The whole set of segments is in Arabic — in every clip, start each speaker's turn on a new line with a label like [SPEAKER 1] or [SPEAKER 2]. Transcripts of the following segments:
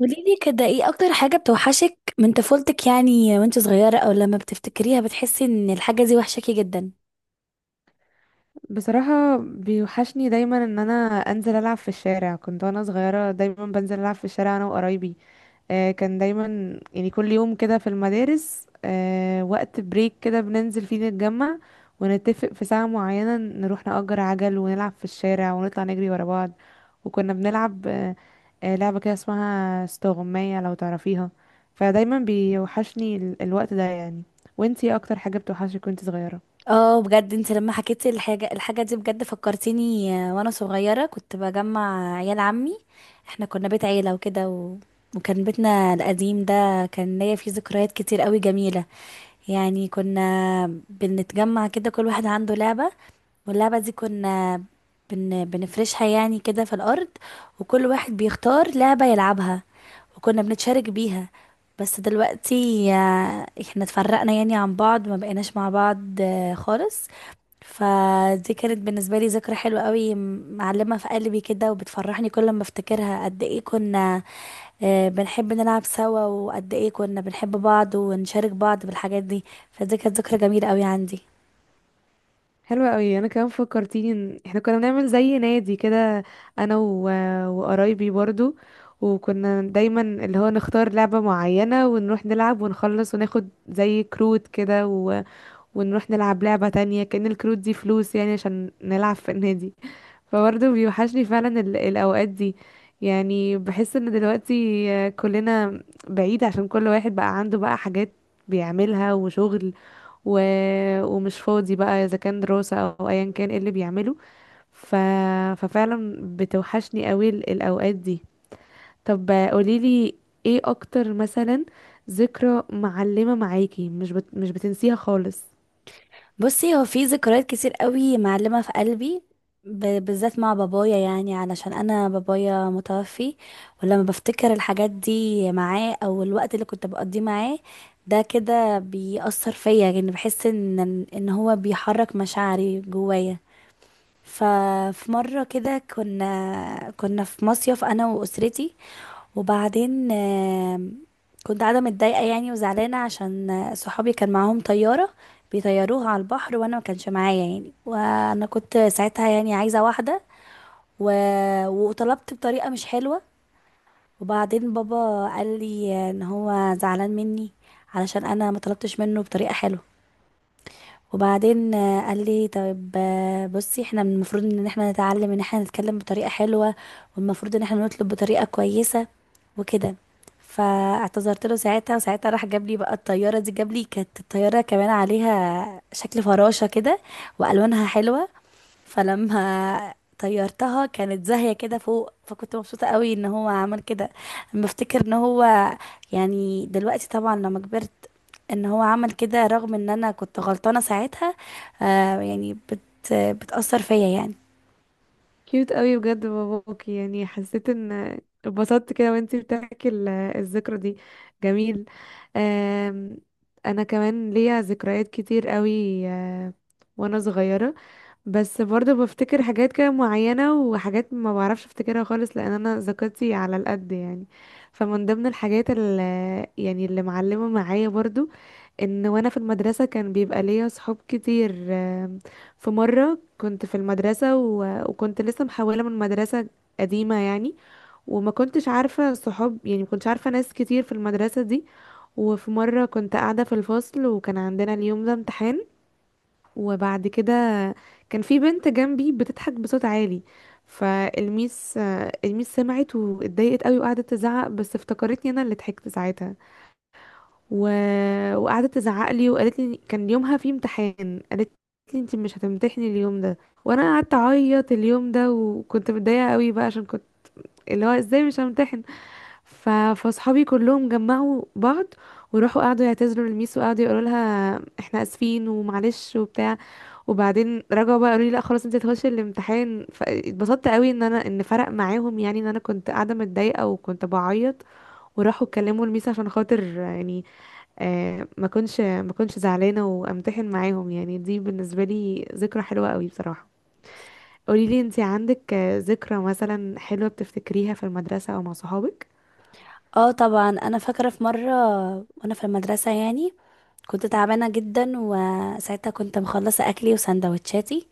[SPEAKER 1] قولي لي كده ايه اكتر حاجة بتوحشك من طفولتك يعني وانت صغيرة او لما بتفتكريها بتحسي ان الحاجة دي وحشاكي جدا؟
[SPEAKER 2] بصراحة بيوحشني دايما ان انا انزل العب في الشارع. كنت وانا صغيرة دايما بنزل العب في الشارع انا وقرايبي. كان دايما يعني كل يوم كده في المدارس وقت بريك كده بننزل فيه نتجمع ونتفق في ساعة معينة نروح نأجر عجل ونلعب في الشارع ونطلع نجري ورا بعض. وكنا بنلعب لعبة كده اسمها استغماية لو تعرفيها. فدايما بيوحشني الوقت ده يعني. وانتي إيه اكتر حاجة بتوحشك وانتي صغيرة؟
[SPEAKER 1] اه بجد انت لما حكيتي الحاجة دي بجد فكرتيني. وانا صغيرة كنت بجمع عيال عمي. احنا كنا بيت عيلة وكده وكان بيتنا القديم ده كان ليا فيه ذكريات كتير قوي جميلة. يعني كنا بنتجمع كده، كل واحد عنده لعبة، واللعبة دي كنا بنفرشها يعني كده في الأرض، وكل واحد بيختار لعبة يلعبها وكنا بنتشارك بيها. بس دلوقتي احنا اتفرقنا يعني عن بعض، ما بقيناش مع بعض خالص. فدي كانت بالنسبة لي ذكرى حلوة قوي، معلمة في قلبي كده وبتفرحني كل ما افتكرها، قد ايه كنا بنحب نلعب سوا، وقد ايه كنا بنحب بعض ونشارك بعض بالحاجات دي. فدي كانت ذكرى جميلة قوي عندي.
[SPEAKER 2] حلوة قوي. انا كمان فكرتيني ان احنا كنا بنعمل زي نادي كده انا وقرايبي برضو. وكنا دايما اللي هو نختار لعبة معينة ونروح نلعب ونخلص وناخد زي كروت كده ونروح نلعب لعبة تانية كأن الكروت دي فلوس يعني عشان نلعب في النادي. فبرضو بيوحشني فعلا الأوقات دي. يعني بحس ان دلوقتي كلنا بعيد عشان كل واحد بقى عنده بقى حاجات بيعملها وشغل و... ومش فاضي بقى اذا كان دراسة او ايا كان ايه اللي بيعمله. ف... ففعلا بتوحشني قوي الاوقات دي. طب قوليلي ايه اكتر مثلا ذكرى معلمة معاكي مش بتنسيها خالص؟
[SPEAKER 1] بصي، هو في ذكريات كتير قوي معلمة في قلبي، بالذات مع بابايا، يعني علشان انا بابايا متوفي. ولما بفتكر الحاجات دي معاه او الوقت اللي كنت بقضيه معاه ده كده بيأثر فيا، يعني بحس ان هو بيحرك مشاعري جوايا. ففي مرة كده كنا في مصيف أنا وأسرتي، وبعدين كنت قاعدة متضايقة يعني وزعلانة، عشان صحابي كان معاهم طيارة بيطيروها على البحر وأنا ما كانش معايا، يعني وأنا كنت ساعتها يعني عايزة واحدة و... وطلبت بطريقة مش حلوة. وبعدين بابا قال لي ان هو زعلان مني علشان انا ما طلبتش منه بطريقة حلوة. وبعدين قال لي طيب، بصي، احنا من المفروض ان احنا نتعلم ان احنا نتكلم بطريقة حلوة والمفروض ان احنا نطلب بطريقة كويسة وكده. فاعتذرت له ساعتها، وساعتها راح جاب لي بقى الطيارة دي، جاب لي كانت الطيارة كمان عليها شكل فراشة كده وألوانها حلوة. فلما طيرتها كانت زاهية كده فوق، فكنت مبسوطة قوي ان هو عمل كده. بفتكر ان هو، يعني دلوقتي طبعا لما كبرت، ان هو عمل كده رغم ان انا كنت غلطانة ساعتها. آه يعني بتأثر فيا يعني.
[SPEAKER 2] كيوت قوي بجد باباكي، يعني حسيت ان اتبسطت كده وانتي بتحكي الذكرى دي. جميل. آم، انا كمان ليا ذكريات كتير قوي وانا صغيرة. بس برضه بفتكر حاجات كده معينة وحاجات ما بعرفش افتكرها خالص لان انا ذاكرتي على القد يعني. فمن ضمن الحاجات اللي يعني اللي معلمة معايا برضه ان وانا في المدرسة كان بيبقى ليا صحاب كتير. في مرة كنت في المدرسة وكنت لسه محولة من مدرسة قديمة يعني، وما كنتش عارفة صحاب، يعني ما كنتش عارفة ناس كتير في المدرسة دي. وفي مرة كنت قاعدة في الفصل وكان عندنا اليوم ده امتحان. وبعد كده كان في بنت جنبي بتضحك بصوت عالي، فالميس الميس سمعت واتضايقت قوي وقعدت تزعق، بس افتكرتني انا اللي ضحكت ساعتها. و... وقعدت تزعق لي وقالت لي، كان يومها في امتحان، قالت لي انت مش هتمتحني اليوم ده. وانا قعدت اعيط اليوم ده وكنت متضايقه قوي بقى عشان كنت اللي هو ازاي مش همتحن. فاصحابي كلهم جمعوا بعض وراحوا قعدوا يعتذروا للميس وقعدوا يقولوا لها احنا اسفين ومعلش وبتاع. وبعدين رجعوا بقى قالوا لي لا خلاص انت هتخشي الامتحان. فاتبسطت قوي ان انا فرق معاهم، يعني ان انا كنت قاعده متضايقه وكنت بعيط وراحوا اتكلموا الميس عشان خاطر يعني. ما كنتش زعلانه وامتحن معاهم. يعني دي بالنسبه لي ذكرى حلوه قوي بصراحه. قولي لي انت عندك ذكرى مثلا حلوه بتفتكريها في المدرسه او مع صحابك؟
[SPEAKER 1] اه طبعا انا فاكرة في مرة وانا في المدرسة يعني، كنت تعبانة جدا وساعتها كنت مخلصة اكلي وسندوتشاتي،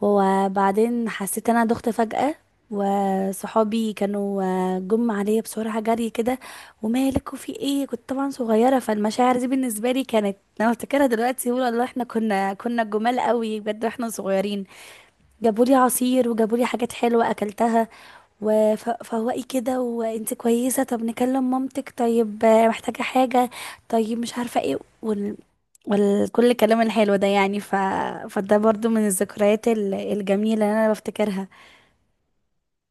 [SPEAKER 1] وبعدين حسيت ان انا دخت فجأة، وصحابي كانوا جم عليا بسرعة جري كده، ومالك وفي ايه؟ كنت طبعا صغيرة، فالمشاعر دي بالنسبة لي كانت، انا افتكرها دلوقتي بقول الله، احنا كنا جمال قوي بجد واحنا صغيرين. جابوا لي عصير وجابوا لي حاجات حلوة أكلتها، وفوقي كده، وانت كويسة؟ طب نكلم مامتك؟ طيب، محتاجة حاجة؟ طيب مش عارفة ايه والكل، الكلام الحلو ده يعني. فده برضو من الذكريات الجميلة اللي انا بفتكرها.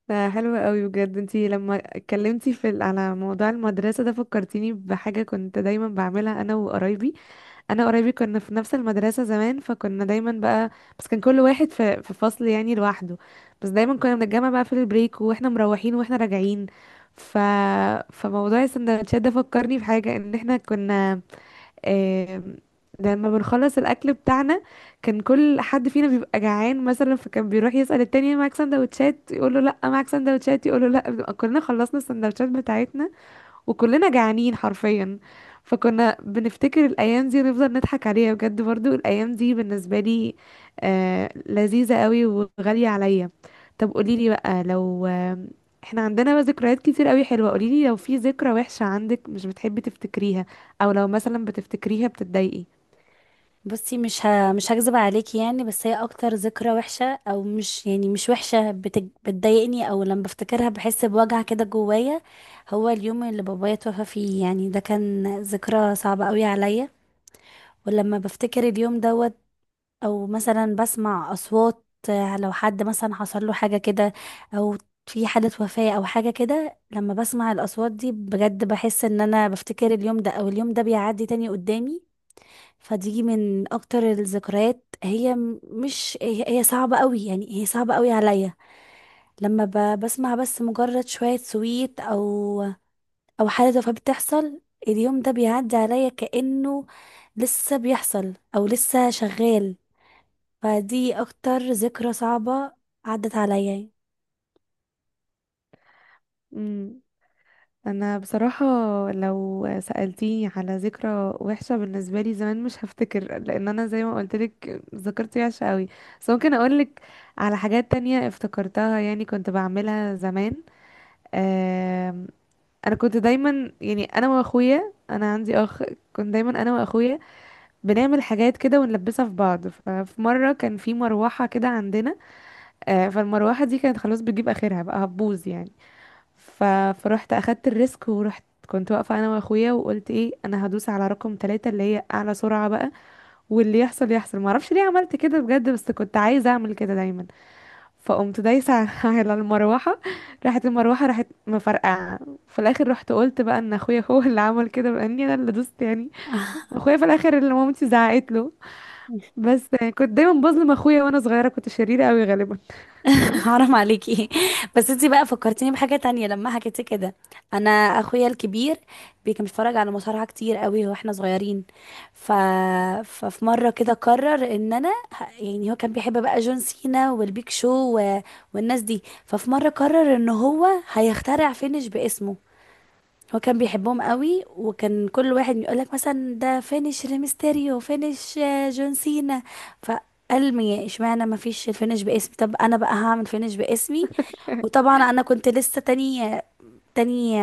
[SPEAKER 2] ده حلو قوي بجد. انتي لما اتكلمتي على موضوع المدرسة ده فكرتيني بحاجة كنت دايما بعملها انا وقرايبي انا وقرايبي كنا في نفس المدرسة زمان، فكنا دايما بقى، بس كان كل واحد في فصل يعني لوحده. بس دايما كنا بنتجمع بقى في البريك واحنا مروحين واحنا راجعين. ف فموضوع السندوتشات ده فكرني بحاجة ان احنا كنا، آم، لما بنخلص الاكل بتاعنا كان كل حد فينا بيبقى جعان مثلا، فكان بيروح يسأل التاني معاك سندوتشات يقول له لا، معاك سندوتشات يقول له لا، بنبقى كلنا خلصنا السندوتشات بتاعتنا وكلنا جعانين حرفيا. فكنا بنفتكر الايام دي ونفضل نضحك عليها بجد. برضو الايام دي بالنسبه لي لذيذه قوي وغاليه عليا. طب قوليلي بقى، لو احنا عندنا بقى ذكريات كتير قوي حلوه، قوليلي لو في ذكرى وحشه عندك مش بتحبي تفتكريها، او لو مثلا بتفتكريها بتتضايقي؟
[SPEAKER 1] بصي، مش هكذب عليكي يعني، بس هي اكتر ذكرى وحشة، او مش يعني مش وحشة، بتضايقني، او لما بفتكرها بحس بوجع كده جوايا، هو اليوم اللي بابايا توفى فيه. يعني ده كان ذكرى صعبة قوي عليا. ولما بفتكر اليوم دوت، او مثلا بسمع اصوات، لو حد مثلا حصل له حاجة كده، او في حالة وفاة او حاجة كده، لما بسمع الاصوات دي بجد بحس ان انا بفتكر اليوم ده، او اليوم ده بيعدي تاني قدامي. فدي من اكتر الذكريات، هي م- مش هي هي صعبة قوي، يعني هي صعبة قوي عليا. لما بسمع بس مجرد شوية سويت، او او حاجه زي فبتحصل، اليوم ده بيعدي عليا كانه لسه بيحصل او لسه شغال. فدي اكتر ذكرى صعبه عدت عليا.
[SPEAKER 2] انا بصراحة لو سألتيني على ذكرى وحشة بالنسبة لي زمان مش هفتكر، لان انا زي ما قلت لك ذاكرتي وحشة قوي. بس ممكن اقول لك على حاجات تانية افتكرتها يعني كنت بعملها زمان. آم، انا كنت دايما يعني انا واخويا، انا عندي اخ، كنت دايما انا واخويا بنعمل حاجات كده ونلبسها في بعض. ففي مرة كان في مروحة كده عندنا، فالمروحة دي كانت خلاص بتجيب اخرها بقى هتبوظ يعني. ف... فروحت اخدت الريسك ورحت كنت واقفه انا واخويا وقلت ايه، انا هدوس على رقم 3 اللي هي اعلى سرعه بقى، واللي يحصل يحصل. ما اعرفش ليه عملت كده بجد بس كنت عايزه اعمل كده دايما. فقمت دايسه على المروحه، راحت المروحه راحت مفرقعه. في الاخر رحت قلت بقى ان اخويا هو اللي عمل كده لاني انا اللي دوست يعني. اخويا في الاخر اللي مامتي زعقت له. بس كنت دايما بظلم اخويا وانا صغيره، كنت شريره قوي غالبا.
[SPEAKER 1] حرام عليكي. بس انتي بقى فكرتيني بحاجة تانية لما حكيتي كده. انا اخويا الكبير كان بيتفرج على مصارعة كتير قوي واحنا صغيرين. ف... ففي مرة كده قرر ان يعني هو كان بيحب بقى جون سينا والبيك شو و... والناس دي. ففي مرة قرر ان هو هيخترع فينش باسمه. هو كان بيحبهم قوي، وكان كل واحد يقولك مثلا ده فينش ريمستيريو، فينش جون سينا. فقال مي اشمعنى ما فيش الفينش باسمي، طب انا بقى هعمل فينش باسمي. وطبعا انا كنت لسه تانية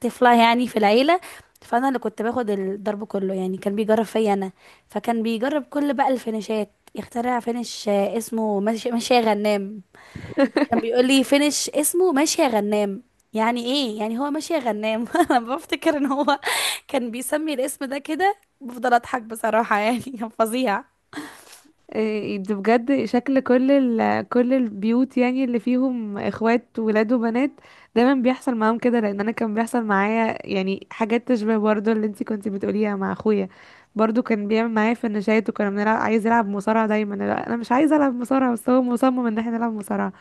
[SPEAKER 1] طفلة يعني في العيلة، فانا اللي كنت باخد الضرب كله يعني، كان بيجرب فيا انا. فكان بيجرب كل بقى الفينشات، يخترع فينش اسمه ماشي يا غنام. كان بيقول لي فينش اسمه ماشي يا غنام، يعني ايه يعني هو ماشي يا غنام؟ انا بفتكر ان هو كان بيسمي الاسم ده كده، بفضل اضحك بصراحة، يعني كان فظيع.
[SPEAKER 2] إيه ده بجد، شكل كل كل البيوت يعني اللي فيهم اخوات ولاد وبنات دايما بيحصل معاهم كده، لان انا كان بيحصل معايا يعني حاجات تشبه برضو اللي انتي كنتي بتقوليها مع اخويا. برضو كان بيعمل معايا في النشايات وكنا بنلعب، عايز يلعب مصارعة دايما. لا، انا مش عايزه العب مصارعة بس هو مصمم ان احنا نلعب مصارعة.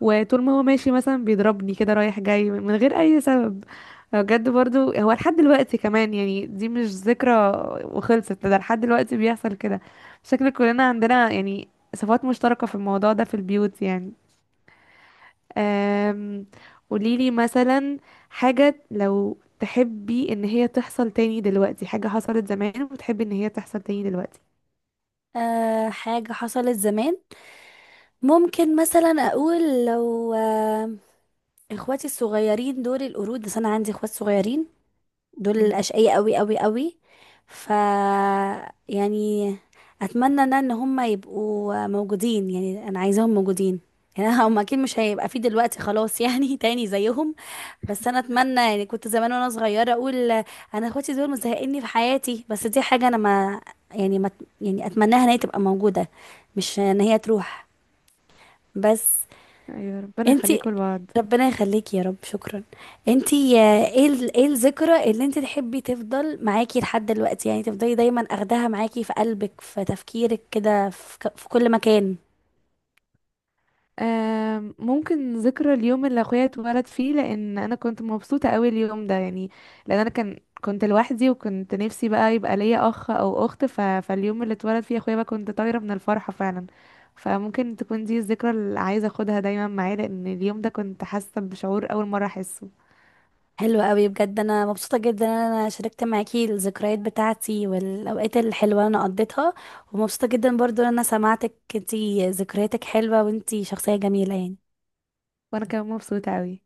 [SPEAKER 2] وطول ما هو ماشي مثلا بيضربني كده رايح جاي من غير اي سبب. بجد برضو هو لحد دلوقتي كمان، يعني دي مش ذكرى وخلصت، ده لحد دلوقتي بيحصل كده. شكل كلنا عندنا يعني صفات مشتركة في الموضوع ده في البيوت يعني. أم... قوليلي مثلا حاجة لو تحبي ان هي تحصل تاني دلوقتي، حاجة حصلت زمان وتحبي ان هي تحصل تاني دلوقتي؟
[SPEAKER 1] أه حاجة حصلت زمان، ممكن مثلا اقول، لو أه اخواتي الصغيرين دول القرود، بس انا عندي اخوات صغيرين دول
[SPEAKER 2] مم.
[SPEAKER 1] الأشقياء قوي قوي قوي. ف يعني اتمنى انا ان هم يبقوا موجودين، يعني انا عايزاهم موجودين. يعني هم اكيد مش هيبقى في دلوقتي خلاص يعني تاني زيهم. بس انا اتمنى، يعني كنت زمان وانا صغيره اقول انا اخواتي دول مزهقني في حياتي، بس دي حاجه انا ما يعني ما يعني اتمناها ان هي تبقى موجوده، مش ان هي تروح بس.
[SPEAKER 2] ايوه، ربنا
[SPEAKER 1] انتي،
[SPEAKER 2] يخليكم لبعض.
[SPEAKER 1] ربنا يخليكي يا رب، شكرا. انتي ايه ايه الذكرى اللي انتي تحبي تفضل معاكي لحد دلوقتي، يعني تفضلي دايما اخداها معاكي في قلبك، في تفكيرك كده، في, في كل مكان؟
[SPEAKER 2] ممكن ذكرى اليوم اللي اخويا اتولد فيه، لان انا كنت مبسوطه قوي اليوم ده يعني، لان انا كنت لوحدي وكنت نفسي بقى يبقى ليا اخ او اخت. فاليوم اللي اتولد فيه اخويا بقى كنت طايره من الفرحه فعلا. فممكن تكون دي الذكرى اللي عايزه اخدها دايما معايا لان اليوم ده كنت حاسه بشعور اول مره احسه.
[SPEAKER 1] حلو قوي بجد، انا مبسوطة جدا ان انا شاركت معاكي الذكريات بتاعتي والاوقات الحلوة اللي انا قضيتها، ومبسوطة جدا برضو ان انا سمعتك انتي ذكرياتك حلوة وانتي شخصية جميلة يعني.
[SPEAKER 2] وانا كمان مبسوطه قوي.